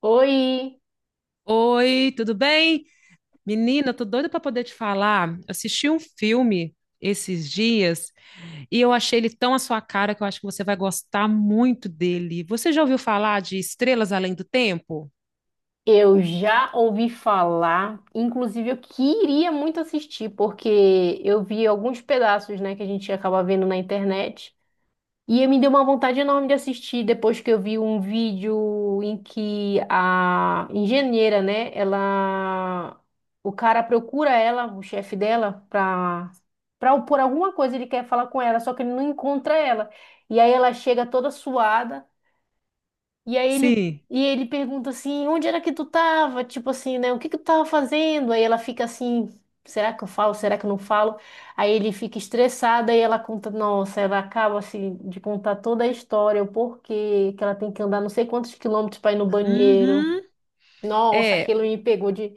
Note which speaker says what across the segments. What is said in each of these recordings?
Speaker 1: Oi,
Speaker 2: Oi, tudo bem? Menina, eu tô doida para poder te falar. Eu Assisti um filme esses dias e eu achei ele tão à sua cara que eu acho que você vai gostar muito dele. Você já ouviu falar de Estrelas Além do Tempo?
Speaker 1: eu já ouvi falar, inclusive eu queria muito assistir, porque eu vi alguns pedaços, né, que a gente acaba vendo na internet, e me deu uma vontade enorme de assistir depois que eu vi um vídeo em que a engenheira, né, ela, o cara procura ela, o chefe dela, por alguma coisa ele quer falar com ela, só que ele não encontra ela. E aí ela chega toda suada. E aí ele,
Speaker 2: Sim.
Speaker 1: e ele pergunta assim, onde era que tu tava? Tipo assim, né? O que que tu tava fazendo? Aí ela fica assim, será que eu falo? Será que eu não falo? Aí ele fica estressado e ela conta, nossa, ela acaba assim de contar toda a história, o porquê que ela tem que andar não sei quantos quilômetros para ir no banheiro.
Speaker 2: Uhum.
Speaker 1: Nossa,
Speaker 2: É,
Speaker 1: aquilo me pegou de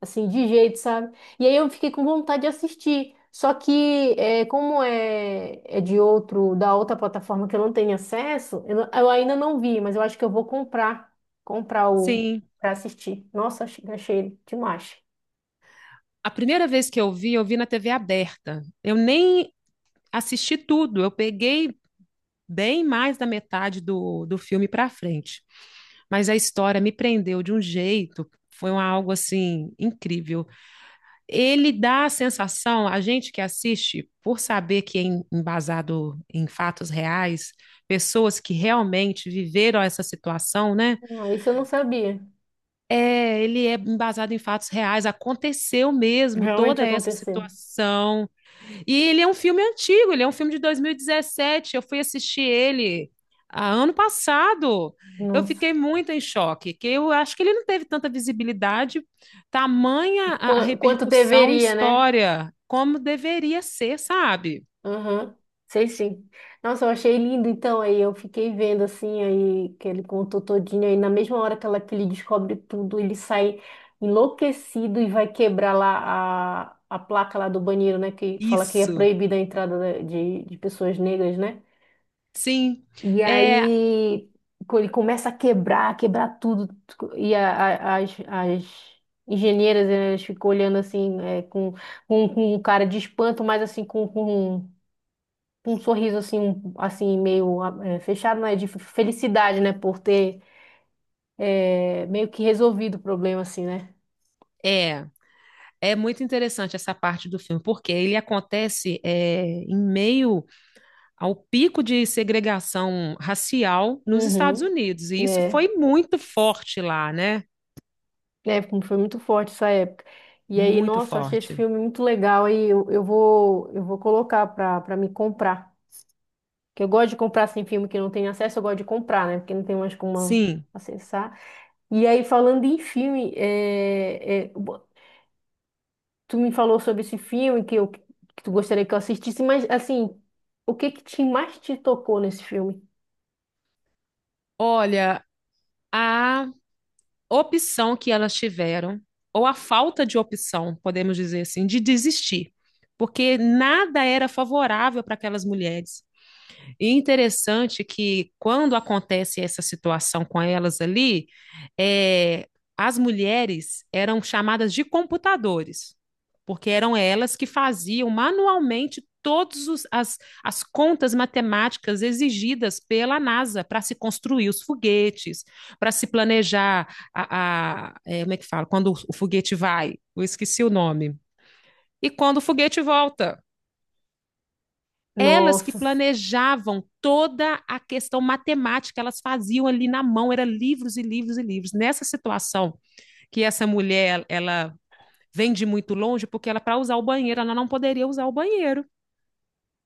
Speaker 1: assim, de jeito, sabe? E aí eu fiquei com vontade de assistir. Só que, é, como é, é de outro, da outra plataforma que eu não tenho acesso, eu, eu ainda não vi, mas eu acho que eu vou comprar, comprar o,
Speaker 2: sim.
Speaker 1: pra assistir. Nossa, achei demais.
Speaker 2: A primeira vez que eu vi na TV aberta. Eu nem assisti tudo, eu peguei bem mais da metade do filme para frente. Mas a história me prendeu de um jeito, foi um algo assim incrível. Ele dá a sensação, a gente que assiste, por saber que é embasado em fatos reais, pessoas que realmente viveram essa situação, né?
Speaker 1: Ah, isso eu não sabia.
Speaker 2: É, ele é embasado em fatos reais, aconteceu mesmo
Speaker 1: Realmente
Speaker 2: toda essa
Speaker 1: aconteceu.
Speaker 2: situação. E ele é um filme antigo, ele é um filme de 2017. Eu fui assistir ele ano passado. Eu
Speaker 1: Nossa.
Speaker 2: fiquei muito em choque, que eu acho que ele não teve tanta visibilidade, tamanha a
Speaker 1: Quanto
Speaker 2: repercussão e
Speaker 1: deveria, né?
Speaker 2: história como deveria ser, sabe?
Speaker 1: Aham, sei sim. Nossa, eu achei lindo. Então, aí eu fiquei vendo assim, aí que ele contou todinho. Aí na mesma hora que, ela, que ele descobre tudo, ele sai enlouquecido e vai quebrar lá a placa lá do banheiro, né? Que fala que é
Speaker 2: Isso.
Speaker 1: proibida a entrada de pessoas negras, né?
Speaker 2: Sim.
Speaker 1: E
Speaker 2: É,
Speaker 1: aí ele começa a quebrar, quebrar tudo. E as engenheiras, elas ficam olhando assim, é, com um cara de espanto, mas assim, um sorriso assim, um- assim meio ah, é, fechado, né? De felicidade, né? Por ter é, meio que resolvido o problema, assim, né?
Speaker 2: é, é, muito interessante essa parte do filme, porque ele acontece em meio ao pico de segregação racial nos Estados
Speaker 1: Uhum.
Speaker 2: Unidos.
Speaker 1: É,
Speaker 2: E isso
Speaker 1: né?
Speaker 2: foi muito forte lá, né?
Speaker 1: É, foi muito forte essa época. E aí,
Speaker 2: Muito
Speaker 1: nossa, eu achei esse
Speaker 2: forte.
Speaker 1: filme muito legal. Aí eu vou colocar pra me comprar. Porque eu gosto de comprar assim, filme que não tem acesso, eu gosto de comprar, né? Porque não tem mais como
Speaker 2: Sim.
Speaker 1: acessar. E aí, falando em filme, tu me falou sobre esse filme que, eu, que tu gostaria que eu assistisse, mas assim, o que que te, mais te tocou nesse filme?
Speaker 2: Olha, a opção que elas tiveram, ou a falta de opção, podemos dizer assim, de desistir, porque nada era favorável para aquelas mulheres. E interessante que quando acontece essa situação com elas ali, é, as mulheres eram chamadas de computadores, porque eram elas que faziam manualmente todas as contas matemáticas exigidas pela NASA para se construir os foguetes, para se planejar a, como é que fala? Quando o foguete vai, eu esqueci o nome. E quando o foguete volta, elas que
Speaker 1: Nossa,
Speaker 2: planejavam toda a questão matemática, elas faziam ali na mão, eram livros e livros e livros. Nessa situação que essa mulher, ela vem de muito longe, porque ela para usar o banheiro, ela não poderia usar o banheiro.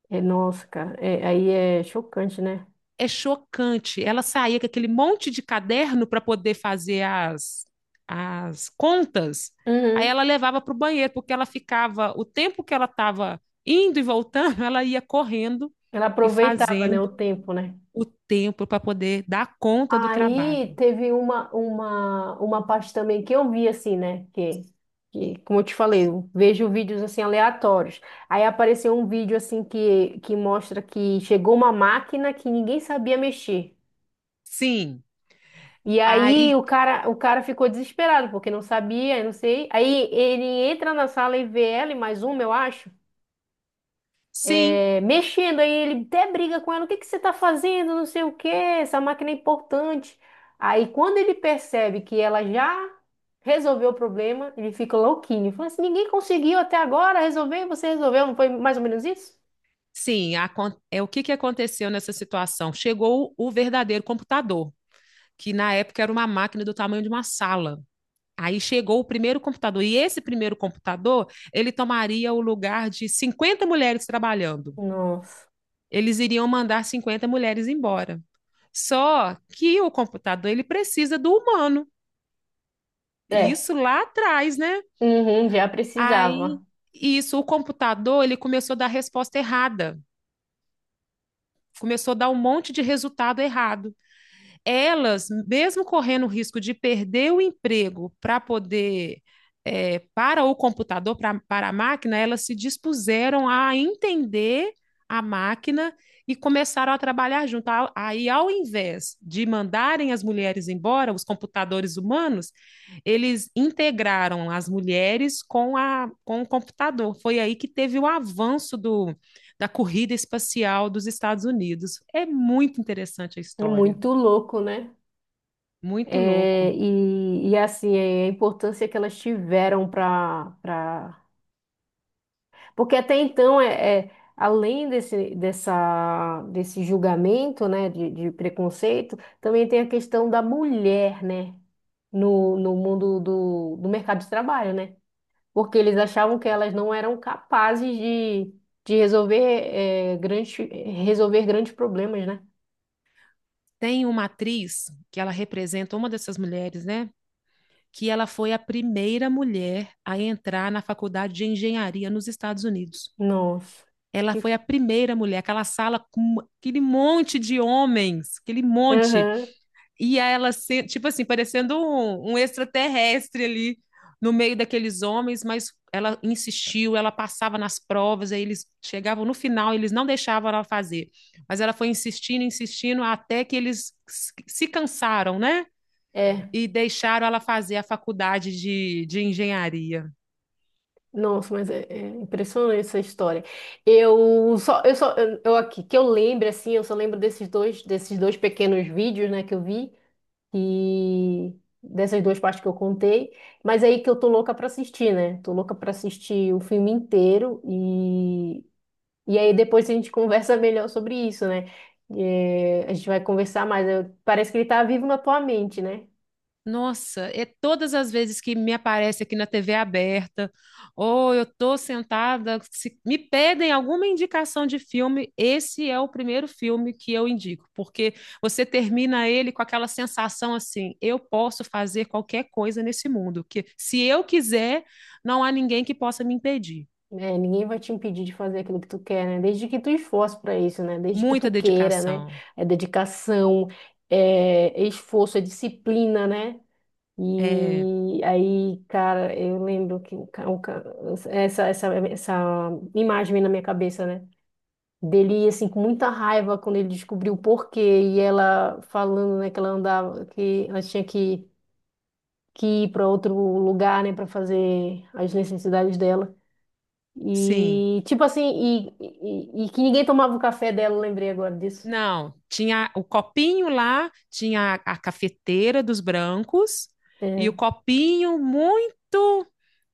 Speaker 1: é nossa, cara. É, aí é chocante, né?
Speaker 2: É chocante. Ela saía com aquele monte de caderno para poder fazer as contas. Aí
Speaker 1: Uhum.
Speaker 2: ela levava para o banheiro, porque ela ficava, o tempo que ela estava indo e voltando, ela ia correndo
Speaker 1: Ela
Speaker 2: e
Speaker 1: aproveitava, né, o
Speaker 2: fazendo
Speaker 1: tempo, né?
Speaker 2: o tempo para poder dar conta do trabalho.
Speaker 1: Aí teve uma parte também que eu vi assim, né? Que, como eu te falei, eu vejo vídeos assim aleatórios. Aí apareceu um vídeo assim que mostra que chegou uma máquina que ninguém sabia mexer.
Speaker 2: Sim,
Speaker 1: E aí
Speaker 2: aí
Speaker 1: o cara ficou desesperado, porque não sabia, eu não sei. Aí ele entra na sala e vê ela e mais uma, eu acho,
Speaker 2: sim,
Speaker 1: é, mexendo. Aí ele até briga com ela, o que que você tá fazendo, não sei o quê, essa máquina é importante. Aí quando ele percebe que ela já resolveu o problema, ele fica louquinho. Fala assim, ninguém conseguiu até agora resolver, você resolveu, não foi mais ou menos isso?
Speaker 2: sim, é o que que aconteceu nessa situação? Chegou o verdadeiro computador, que na época era uma máquina do tamanho de uma sala. Aí chegou o primeiro computador, e esse primeiro computador, ele tomaria o lugar de 50 mulheres trabalhando.
Speaker 1: Nossa.
Speaker 2: Eles iriam mandar 50 mulheres embora. Só que o computador, ele precisa do humano. E
Speaker 1: É.
Speaker 2: isso lá atrás, né?
Speaker 1: Uhum, já precisava.
Speaker 2: Aí, isso, o computador, ele começou a dar resposta errada. Começou a dar um monte de resultado errado, elas, mesmo correndo o risco de perder o emprego para poder, é, para o computador, para a máquina, elas se dispuseram a entender a máquina e começaram a trabalhar junto. Aí, ao invés de mandarem as mulheres embora, os computadores humanos, eles integraram as mulheres com o computador. Foi aí que teve o avanço da corrida espacial dos Estados Unidos. É muito interessante a história.
Speaker 1: Muito louco, né?
Speaker 2: Muito
Speaker 1: É,
Speaker 2: louco.
Speaker 1: assim, é, a importância que elas tiveram para... Pra... Porque até então, além desse julgamento, né, de preconceito, também tem a questão da mulher, né, no mundo do mercado de trabalho, né? Porque eles achavam que elas não eram capazes de resolver, é, grandes, resolver grandes problemas, né?
Speaker 2: Tem uma atriz que ela representa uma dessas mulheres, né? Que ela foi a primeira mulher a entrar na faculdade de engenharia nos Estados Unidos.
Speaker 1: Nossa,
Speaker 2: Ela
Speaker 1: que...
Speaker 2: foi a primeira mulher, aquela sala com aquele monte de homens, aquele monte.
Speaker 1: Aham,
Speaker 2: E ela, tipo assim, parecendo um extraterrestre ali no meio daqueles homens, mas ela insistiu, ela passava nas provas, aí eles chegavam no final, eles não deixavam ela fazer. Mas ela foi insistindo, insistindo, até que eles se cansaram, né?
Speaker 1: é.
Speaker 2: E deixaram ela fazer a faculdade de engenharia.
Speaker 1: Nossa, mas é, é impressionante essa história. Eu aqui que eu lembro assim, eu só lembro desses dois pequenos vídeos, né, que eu vi e dessas duas partes que eu contei. Mas aí que eu tô louca pra assistir, né? Tô louca pra assistir o filme inteiro e aí depois a gente conversa melhor sobre isso, né? É, a gente vai conversar mais. Eu- parece que ele tá vivo na tua mente, né?
Speaker 2: Nossa, é todas as vezes que me aparece aqui na TV aberta, ou eu tô sentada, se me pedem alguma indicação de filme, esse é o primeiro filme que eu indico, porque você termina ele com aquela sensação assim, eu posso fazer qualquer coisa nesse mundo, que se eu quiser, não há ninguém que possa me impedir.
Speaker 1: É, ninguém vai te impedir de fazer aquilo que tu quer, né? Desde que tu esforce para isso, né? Desde que tu
Speaker 2: Muita
Speaker 1: queira, né?
Speaker 2: dedicação.
Speaker 1: É dedicação, é esforço, é disciplina, né?
Speaker 2: É,
Speaker 1: E aí, cara, eu lembro que essa, essa imagem vem na minha cabeça, né? Dele, assim, com muita raiva quando ele descobriu o porquê e ela falando, né, que ela andava, que ela tinha que ir para outro lugar, né, para fazer as necessidades dela.
Speaker 2: sim.
Speaker 1: E tipo assim, e que ninguém tomava o café dela, eu lembrei agora disso.
Speaker 2: Não, tinha o copinho lá, tinha a cafeteira dos brancos e
Speaker 1: É,
Speaker 2: o copinho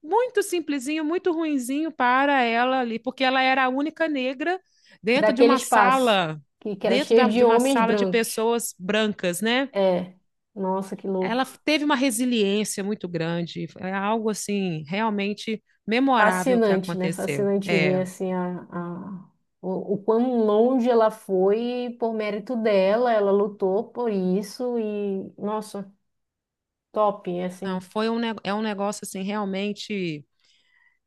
Speaker 2: muito simplesinho, muito ruinzinho para ela ali, porque ela era a única negra dentro de
Speaker 1: daquele
Speaker 2: uma
Speaker 1: espaço
Speaker 2: sala,
Speaker 1: que era cheio de
Speaker 2: de uma
Speaker 1: homens
Speaker 2: sala de
Speaker 1: brancos.
Speaker 2: pessoas brancas, né?
Speaker 1: É, nossa, que
Speaker 2: Ela
Speaker 1: louco.
Speaker 2: teve uma resiliência muito grande, é algo assim realmente memorável que
Speaker 1: Fascinante, né?
Speaker 2: aconteceu.
Speaker 1: Fascinante ver
Speaker 2: É,
Speaker 1: assim o quão longe ela foi por mérito dela, ela lutou por isso e nossa, top,
Speaker 2: não,
Speaker 1: assim.
Speaker 2: foi um, ne- é um negócio assim realmente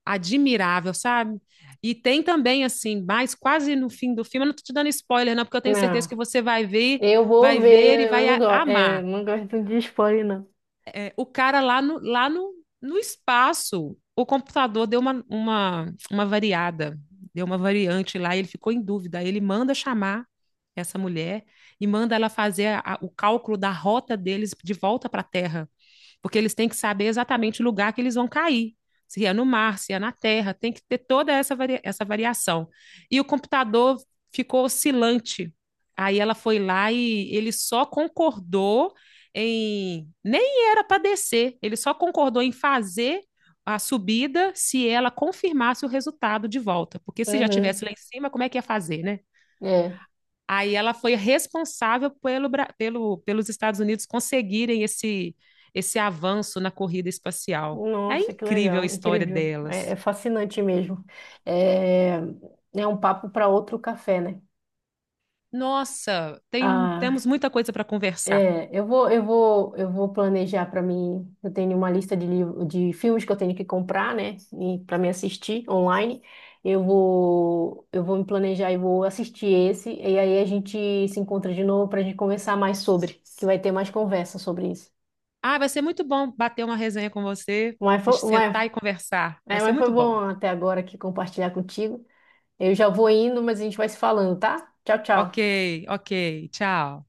Speaker 2: admirável, sabe? E tem também, assim, mais quase no fim do filme, eu não tô te dando spoiler, não, porque eu tenho certeza
Speaker 1: Não,
Speaker 2: que você
Speaker 1: eu vou
Speaker 2: vai ver e
Speaker 1: ver, eu
Speaker 2: vai
Speaker 1: não gosto, é, eu
Speaker 2: amar.
Speaker 1: não gosto de spoiler, não.
Speaker 2: É, o cara lá no, no espaço, o computador deu uma variada, deu uma variante lá, e ele ficou em dúvida. Aí ele manda chamar essa mulher e manda ela fazer o cálculo da rota deles de volta para a Terra, porque eles têm que saber exatamente o lugar que eles vão cair. Se é no mar, se é na terra, tem que ter toda essa variação. E o computador ficou oscilante. Aí ela foi lá e ele só concordou em. Nem era para descer, ele só concordou em fazer a subida se ela confirmasse o resultado de volta. Porque se já tivesse
Speaker 1: Uhum.
Speaker 2: lá em cima, como é que ia fazer, né?
Speaker 1: É.
Speaker 2: Aí ela foi responsável pelos Estados Unidos conseguirem esse avanço na corrida espacial. É
Speaker 1: Nossa, que
Speaker 2: incrível a
Speaker 1: legal,
Speaker 2: história
Speaker 1: incrível, é, é
Speaker 2: delas.
Speaker 1: fascinante mesmo. É, é um papo para outro café, né?
Speaker 2: Nossa,
Speaker 1: Ah,
Speaker 2: temos muita coisa para conversar.
Speaker 1: é, eu vou planejar para mim. Eu tenho uma lista de livro, de filmes que eu tenho que comprar, né? E para me assistir online, eu vou me planejar e vou assistir esse. E aí a gente se encontra de novo para a gente conversar mais sobre, que vai ter mais conversa sobre isso.
Speaker 2: Ah, vai ser muito bom bater uma resenha com você,
Speaker 1: Mas
Speaker 2: a
Speaker 1: foi,
Speaker 2: gente
Speaker 1: mas,
Speaker 2: sentar e conversar. Vai ser
Speaker 1: mas foi
Speaker 2: muito
Speaker 1: bom
Speaker 2: bom.
Speaker 1: até agora aqui compartilhar contigo. Eu já vou indo, mas a gente vai se falando, tá? Tchau,
Speaker 2: Ok,
Speaker 1: tchau.
Speaker 2: ok, tchau.